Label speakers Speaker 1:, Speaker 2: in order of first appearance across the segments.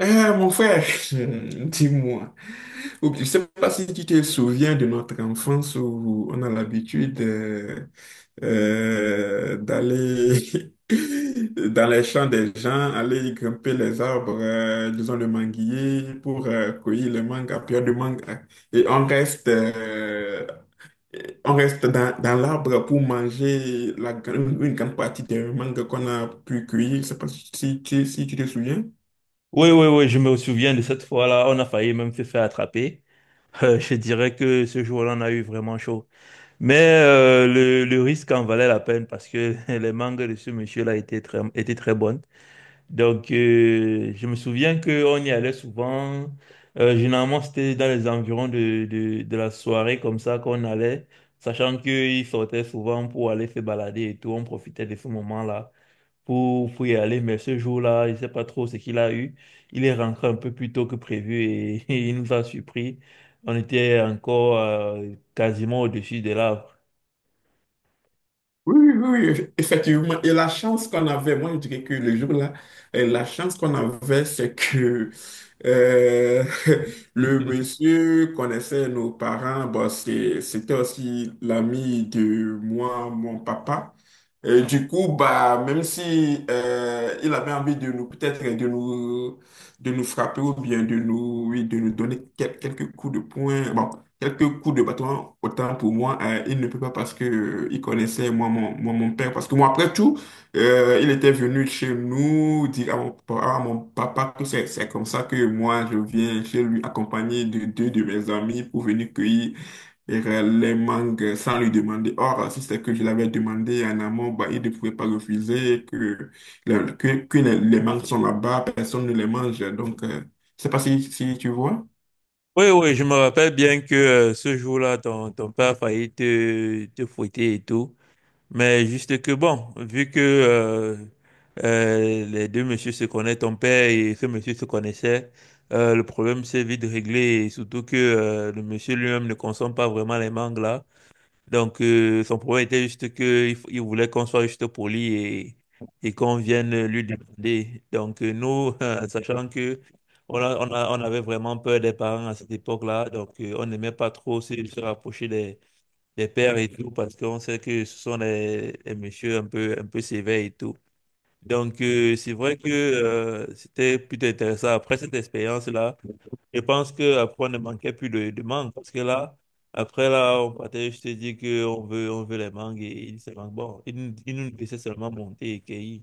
Speaker 1: Eh, mon frère, dis-moi, je ne sais pas si tu te souviens de notre enfance où on a l'habitude d'aller dans les champs des gens, aller grimper les arbres, disons le manguier, pour cueillir le manga, pire de manga. Et on reste dans l'arbre pour manger une grande partie des mangas qu'on a pu cueillir. Je ne sais pas si tu te souviens.
Speaker 2: Oui, oui, oui, je me souviens de cette fois-là. On a failli même se faire attraper. Je dirais que ce jour-là, on a eu vraiment chaud. Mais le, risque en valait la peine parce que les mangues de ce monsieur-là étaient étaient très bonnes. Donc, je me souviens qu'on y allait souvent. Généralement, c'était dans les environs de la soirée comme ça qu'on allait, sachant qu'il sortait souvent pour aller se balader et tout. On profitait de ce moment-là pour y aller, mais ce jour-là, je ne sais pas trop ce qu'il a eu. Il est rentré un peu plus tôt que prévu et il nous a surpris. On était encore quasiment au-dessus des arbres.
Speaker 1: Oui, oui, oui, oui, effectivement. Et la chance qu'on avait, moi je dirais que le jour-là, la chance qu'on avait, c'est que euh, le monsieur connaissait nos parents. Bon, c'était aussi l'ami de moi, mon papa. Et du coup, bah, même si il avait envie de nous, peut-être de nous frapper ou bien de nous, oui, de nous donner quelques coups de poing, bon, quelques coups de bâton, autant pour moi, il ne peut pas parce que il connaissait mon père. Parce que moi, après tout, il était venu chez nous dire à à mon papa que c'est comme ça que moi je viens chez lui accompagné de deux de mes amis pour venir cueillir et les mangues sans lui demander. Or, si c'est que je l'avais demandé en amont, bah, il ne pouvait pas refuser que, que les mangues sont là-bas, personne ne les mange. Donc, je pas si, si tu vois.
Speaker 2: Oui, oui, je me rappelle bien que ce jour-là, ton père a failli te fouetter et tout. Mais juste que bon, vu que les deux messieurs se connaissent, ton père et ce monsieur se connaissaient, le problème s'est vite réglé. Et surtout que le monsieur lui-même ne consomme pas vraiment les mangues là. Donc, son problème était juste qu'il il voulait qu'on soit juste poli et qu'on vienne lui demander. Donc, nous, en sachant que on avait vraiment peur des parents à cette époque-là, donc on n'aimait pas trop se rapprocher des pères et tout, parce qu'on sait que ce sont des messieurs un peu sévères et tout. Donc, c'est vrai que c'était plutôt intéressant. Après cette expérience-là, je pense que après, on ne manquait plus de mangue parce que là, après là, on partait, je te dis qu'on veut, on veut les mangues et ils se manquent. Bon, ils nous laissaient seulement monter et cueillir.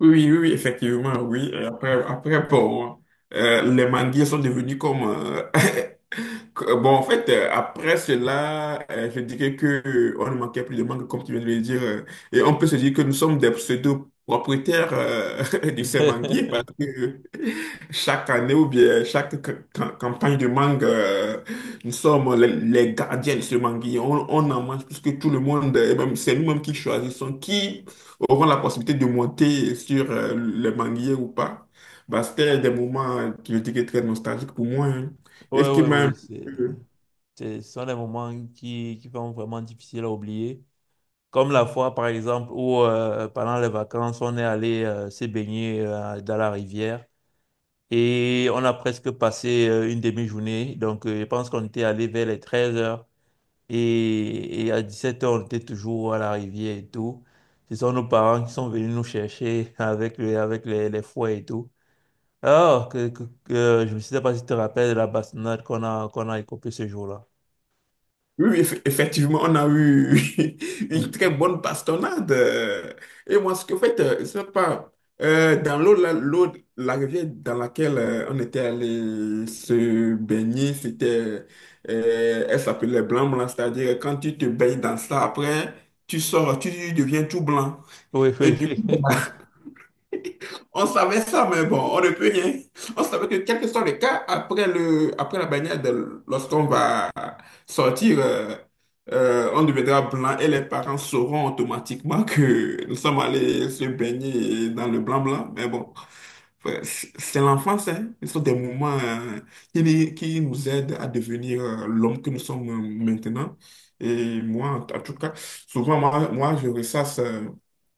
Speaker 1: Oui, oui, oui, effectivement, oui. Et après, après, bon, les manguiers sont devenus comme bon, en fait, après cela, je dirais que on ne manquait plus de mangue, comme tu viens de le dire. Et on peut se dire que nous sommes des pseudo-propriétaires de ces manguiers parce que chaque année ou bien chaque campagne de mangue, nous sommes les gardiens de ce manguier. On en mange plus que tout le monde. Et même, c'est nous-mêmes qui choisissons qui auront la possibilité de monter sur le manguier ou pas. Bah, c'était des moments qui je dirais très nostalgiques pour moi, hein.
Speaker 2: Ouais,
Speaker 1: Et ce qui
Speaker 2: ouais,
Speaker 1: m'a un
Speaker 2: ouais,
Speaker 1: peu-
Speaker 2: ce sont des moments qui sont vraiment difficiles à oublier. Comme la fois, par exemple, où pendant les vacances, on est allé se baigner dans la rivière et on a presque passé une demi-journée. Donc, je pense qu'on était allé vers les 13 heures. Et à 17 h on était toujours à la rivière et tout. Ce sont nos parents qui sont venus nous chercher avec les fouets et tout. Alors, je ne sais pas si tu te rappelles de la bastonnade qu'on a écopée ce jour-là.
Speaker 1: Oui, oui, effectivement, on a eu
Speaker 2: Hmm.
Speaker 1: une très bonne bastonnade. Et moi, ce que en fait, je sais pas, dans l'eau, là, l'eau, la rivière dans laquelle on était allé se baigner, c'était, elle s'appelait blanc blanc, c'est-à-dire quand tu te baignes dans ça, après, tu sors, tu deviens tout blanc.
Speaker 2: Oui,
Speaker 1: Et
Speaker 2: oui.
Speaker 1: du On savait ça, mais bon, on ne peut rien. On savait que quel que soit le cas, après le, après la baignade, lorsqu'on va sortir, on deviendra blanc et les parents sauront automatiquement que nous sommes allés se baigner dans le blanc-blanc. Mais bon, ouais, c'est l'enfance, hein. Ce sont des moments, qui, ni- qui nous aident à devenir, l'homme que nous sommes maintenant. Et moi, en en tout cas, souvent, moi je ressasse, euh,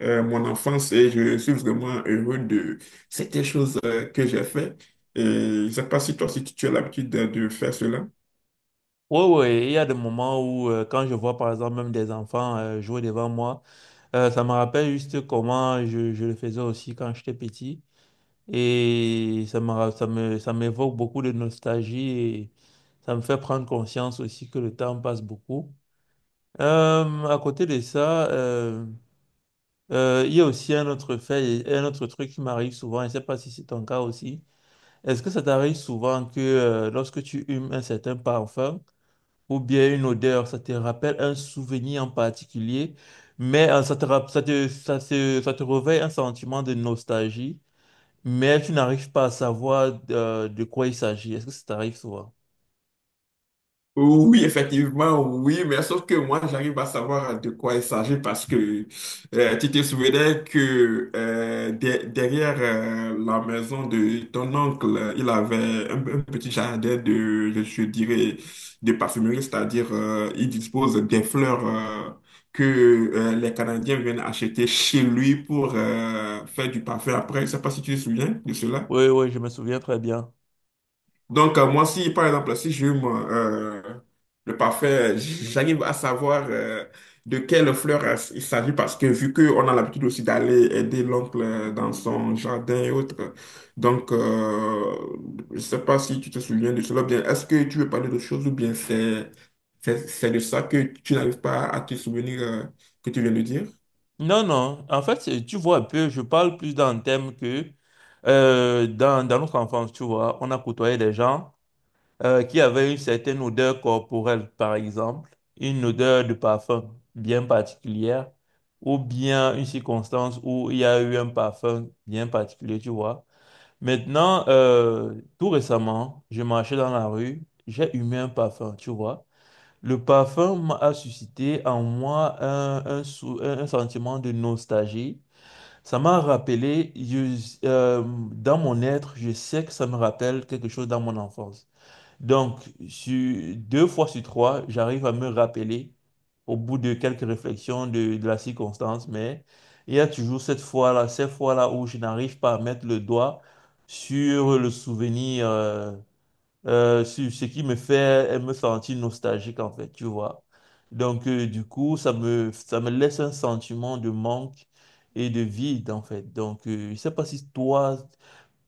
Speaker 1: euh, mon enfance et je suis vraiment heureux de certaines choses que j'ai faites. Et je ne sais pas si toi, si tu as l'habitude de faire cela.
Speaker 2: Oui, oui. Il y a des moments où, quand je vois par exemple même des enfants jouer devant moi, ça me rappelle juste comment je le faisais aussi quand j'étais petit. Et ça me, ra- ça me, ça m'évoque beaucoup de nostalgie et ça me fait prendre conscience aussi que le temps passe beaucoup. À côté de ça, il y a aussi un autre fait et un autre truc qui m'arrive souvent, et je ne sais pas si c'est ton cas aussi. Est-ce que ça t'arrive souvent que lorsque tu humes un certain parfum ou bien une odeur, ça te rappelle un souvenir en particulier, mais ça te, rap- ça te, ça se- ça te réveille un sentiment de nostalgie? Mais tu n'arrives pas à savoir quoi il s'agit. Est-ce que ça t'arrive souvent?
Speaker 1: Oui, effectivement, oui, mais sauf que moi, j'arrive à savoir de quoi il s'agit parce que tu te souvenais que derrière la maison de ton oncle, il avait un petit jardin de, je dirais, de parfumerie, c'est-à-dire il dispose des fleurs que les Canadiens viennent acheter chez lui pour faire du parfum après. Je ne sais pas si tu te souviens de cela.
Speaker 2: Oui, oui, je me souviens très bien.
Speaker 1: Donc, moi, si, par exemple, si j'hume le parfum, j'arrive à savoir de quelle fleur il s'agit parce que vu qu'on a l'habitude aussi d'aller aider l'oncle dans son jardin et autres, donc, je ne sais pas si tu te souviens de cela, ou bien est-ce que tu veux parler de choses ou bien c'est de ça que tu n'arrives pas à te souvenir que tu viens de dire?
Speaker 2: Non, non. En fait, c'est- tu vois un peu, je parle plus dans le thème que dans notre enfance, tu vois, on a côtoyé des gens qui avaient une certaine odeur corporelle, par exemple, une odeur de parfum bien particulière, ou bien une circonstance où il y a eu un parfum bien particulier, tu vois. Maintenant, tout récemment, je marchais dans la rue, j'ai humé un parfum, tu vois. Le a suscité en moi un sentiment de nostalgie. Ça m'a rappelé, dans mon être, je sais que ça me rappelle quelque chose dans mon enfance. Donc, deux fois sur trois, j'arrive à me rappeler au bout de quelques réflexions de la circonstance, mais il y a toujours cette fois-là où je n'arrive pas à mettre le doigt sur le souvenir, sur ce qui me fait me sentir nostalgique, en fait, tu vois. Donc, du coup, ça me laisse un sentiment de manque et de vide, en fait. Donc, je ne sais pas si toi,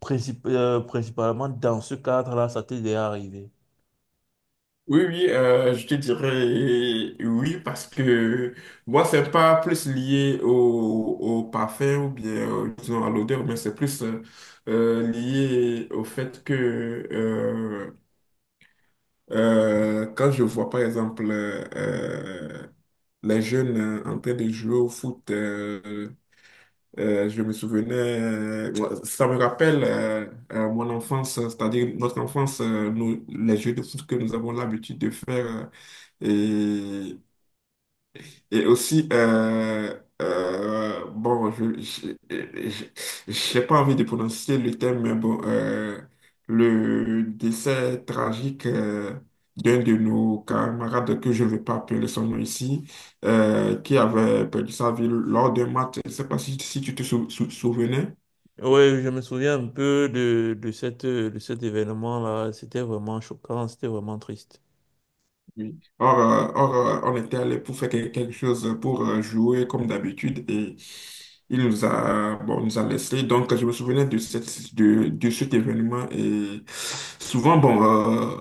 Speaker 2: principalement dans ce cadre-là, ça t'est déjà arrivé.
Speaker 1: Oui, oui, je te dirais oui parce que moi, c'est pas plus lié au, au parfum ou bien disons à l'odeur, mais c'est plus lié au fait que quand je vois par exemple les jeunes en train de jouer au foot, je me souvenais, ça me rappelle mon enfance, c'est-à-dire notre enfance, les jeux de foot que nous avons l'habitude de faire. Et, et aussi, bon, je, je- j'ai pas envie de prononcer le terme, mais bon, le décès tragique d'un de nos camarades, que je ne vais pas appeler son nom ici, qui avait perdu sa vie lors d'un match. Je ne sais pas si, si tu te souvenais.
Speaker 2: Oui, je me souviens un peu de cette, de cet événement-là. C'était vraiment choquant, c'était vraiment triste.
Speaker 1: Oui. Or, on était allé pour faire quelque chose, pour jouer comme d'habitude et il nous a, bon, nous a laissé. Donc, je me souvenais de cette, de cet événement et souvent, bon,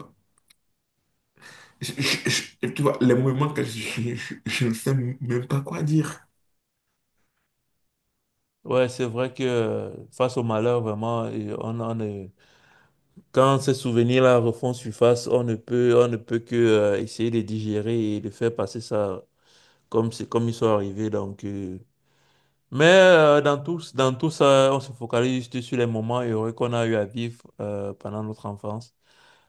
Speaker 1: je- je- tu vois, les moments que je ne sais même pas quoi dire.
Speaker 2: Ouais, c'est vrai que face au malheur, vraiment, et on ne- quand ces souvenirs-là refont surface, on ne peut que essayer de digérer et de faire passer ça comme c'est comme ils sont arrivés. Mais dans tout ça, on se focalise juste sur les moments heureux qu'on a eu à vivre pendant notre enfance.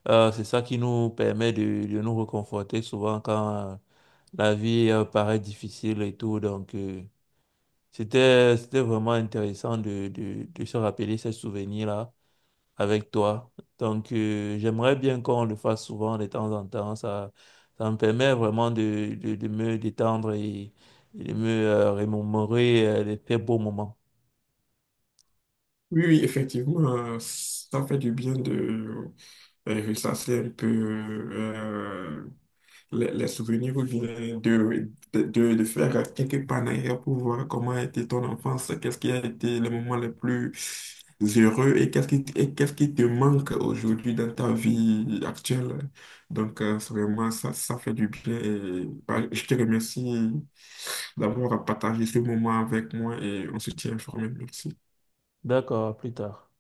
Speaker 2: C'est ça qui nous permet de nous réconforter souvent quand la vie paraît difficile et tout. Donc, c'était, c'était vraiment intéressant de se rappeler ces souvenirs-là avec toi. Donc, j'aimerais bien qu'on le fasse souvent de temps en temps. Ça me permet vraiment de me détendre et de me remémorer les très beaux moments.
Speaker 1: Oui, oui, effectivement, ça fait du bien de ressasser un peu les souvenirs ou bien de faire quelques panaires pour voir comment a été ton enfance, qu'est-ce qui a été les moments les plus heureux et qu'est-ce qui te manque aujourd'hui dans ta vie actuelle. Donc, c'est vraiment, ça fait du bien. Et, bah, je te remercie d'avoir partagé ce moment avec moi et on se tient informé. Merci.
Speaker 2: D'accord, à plus tard.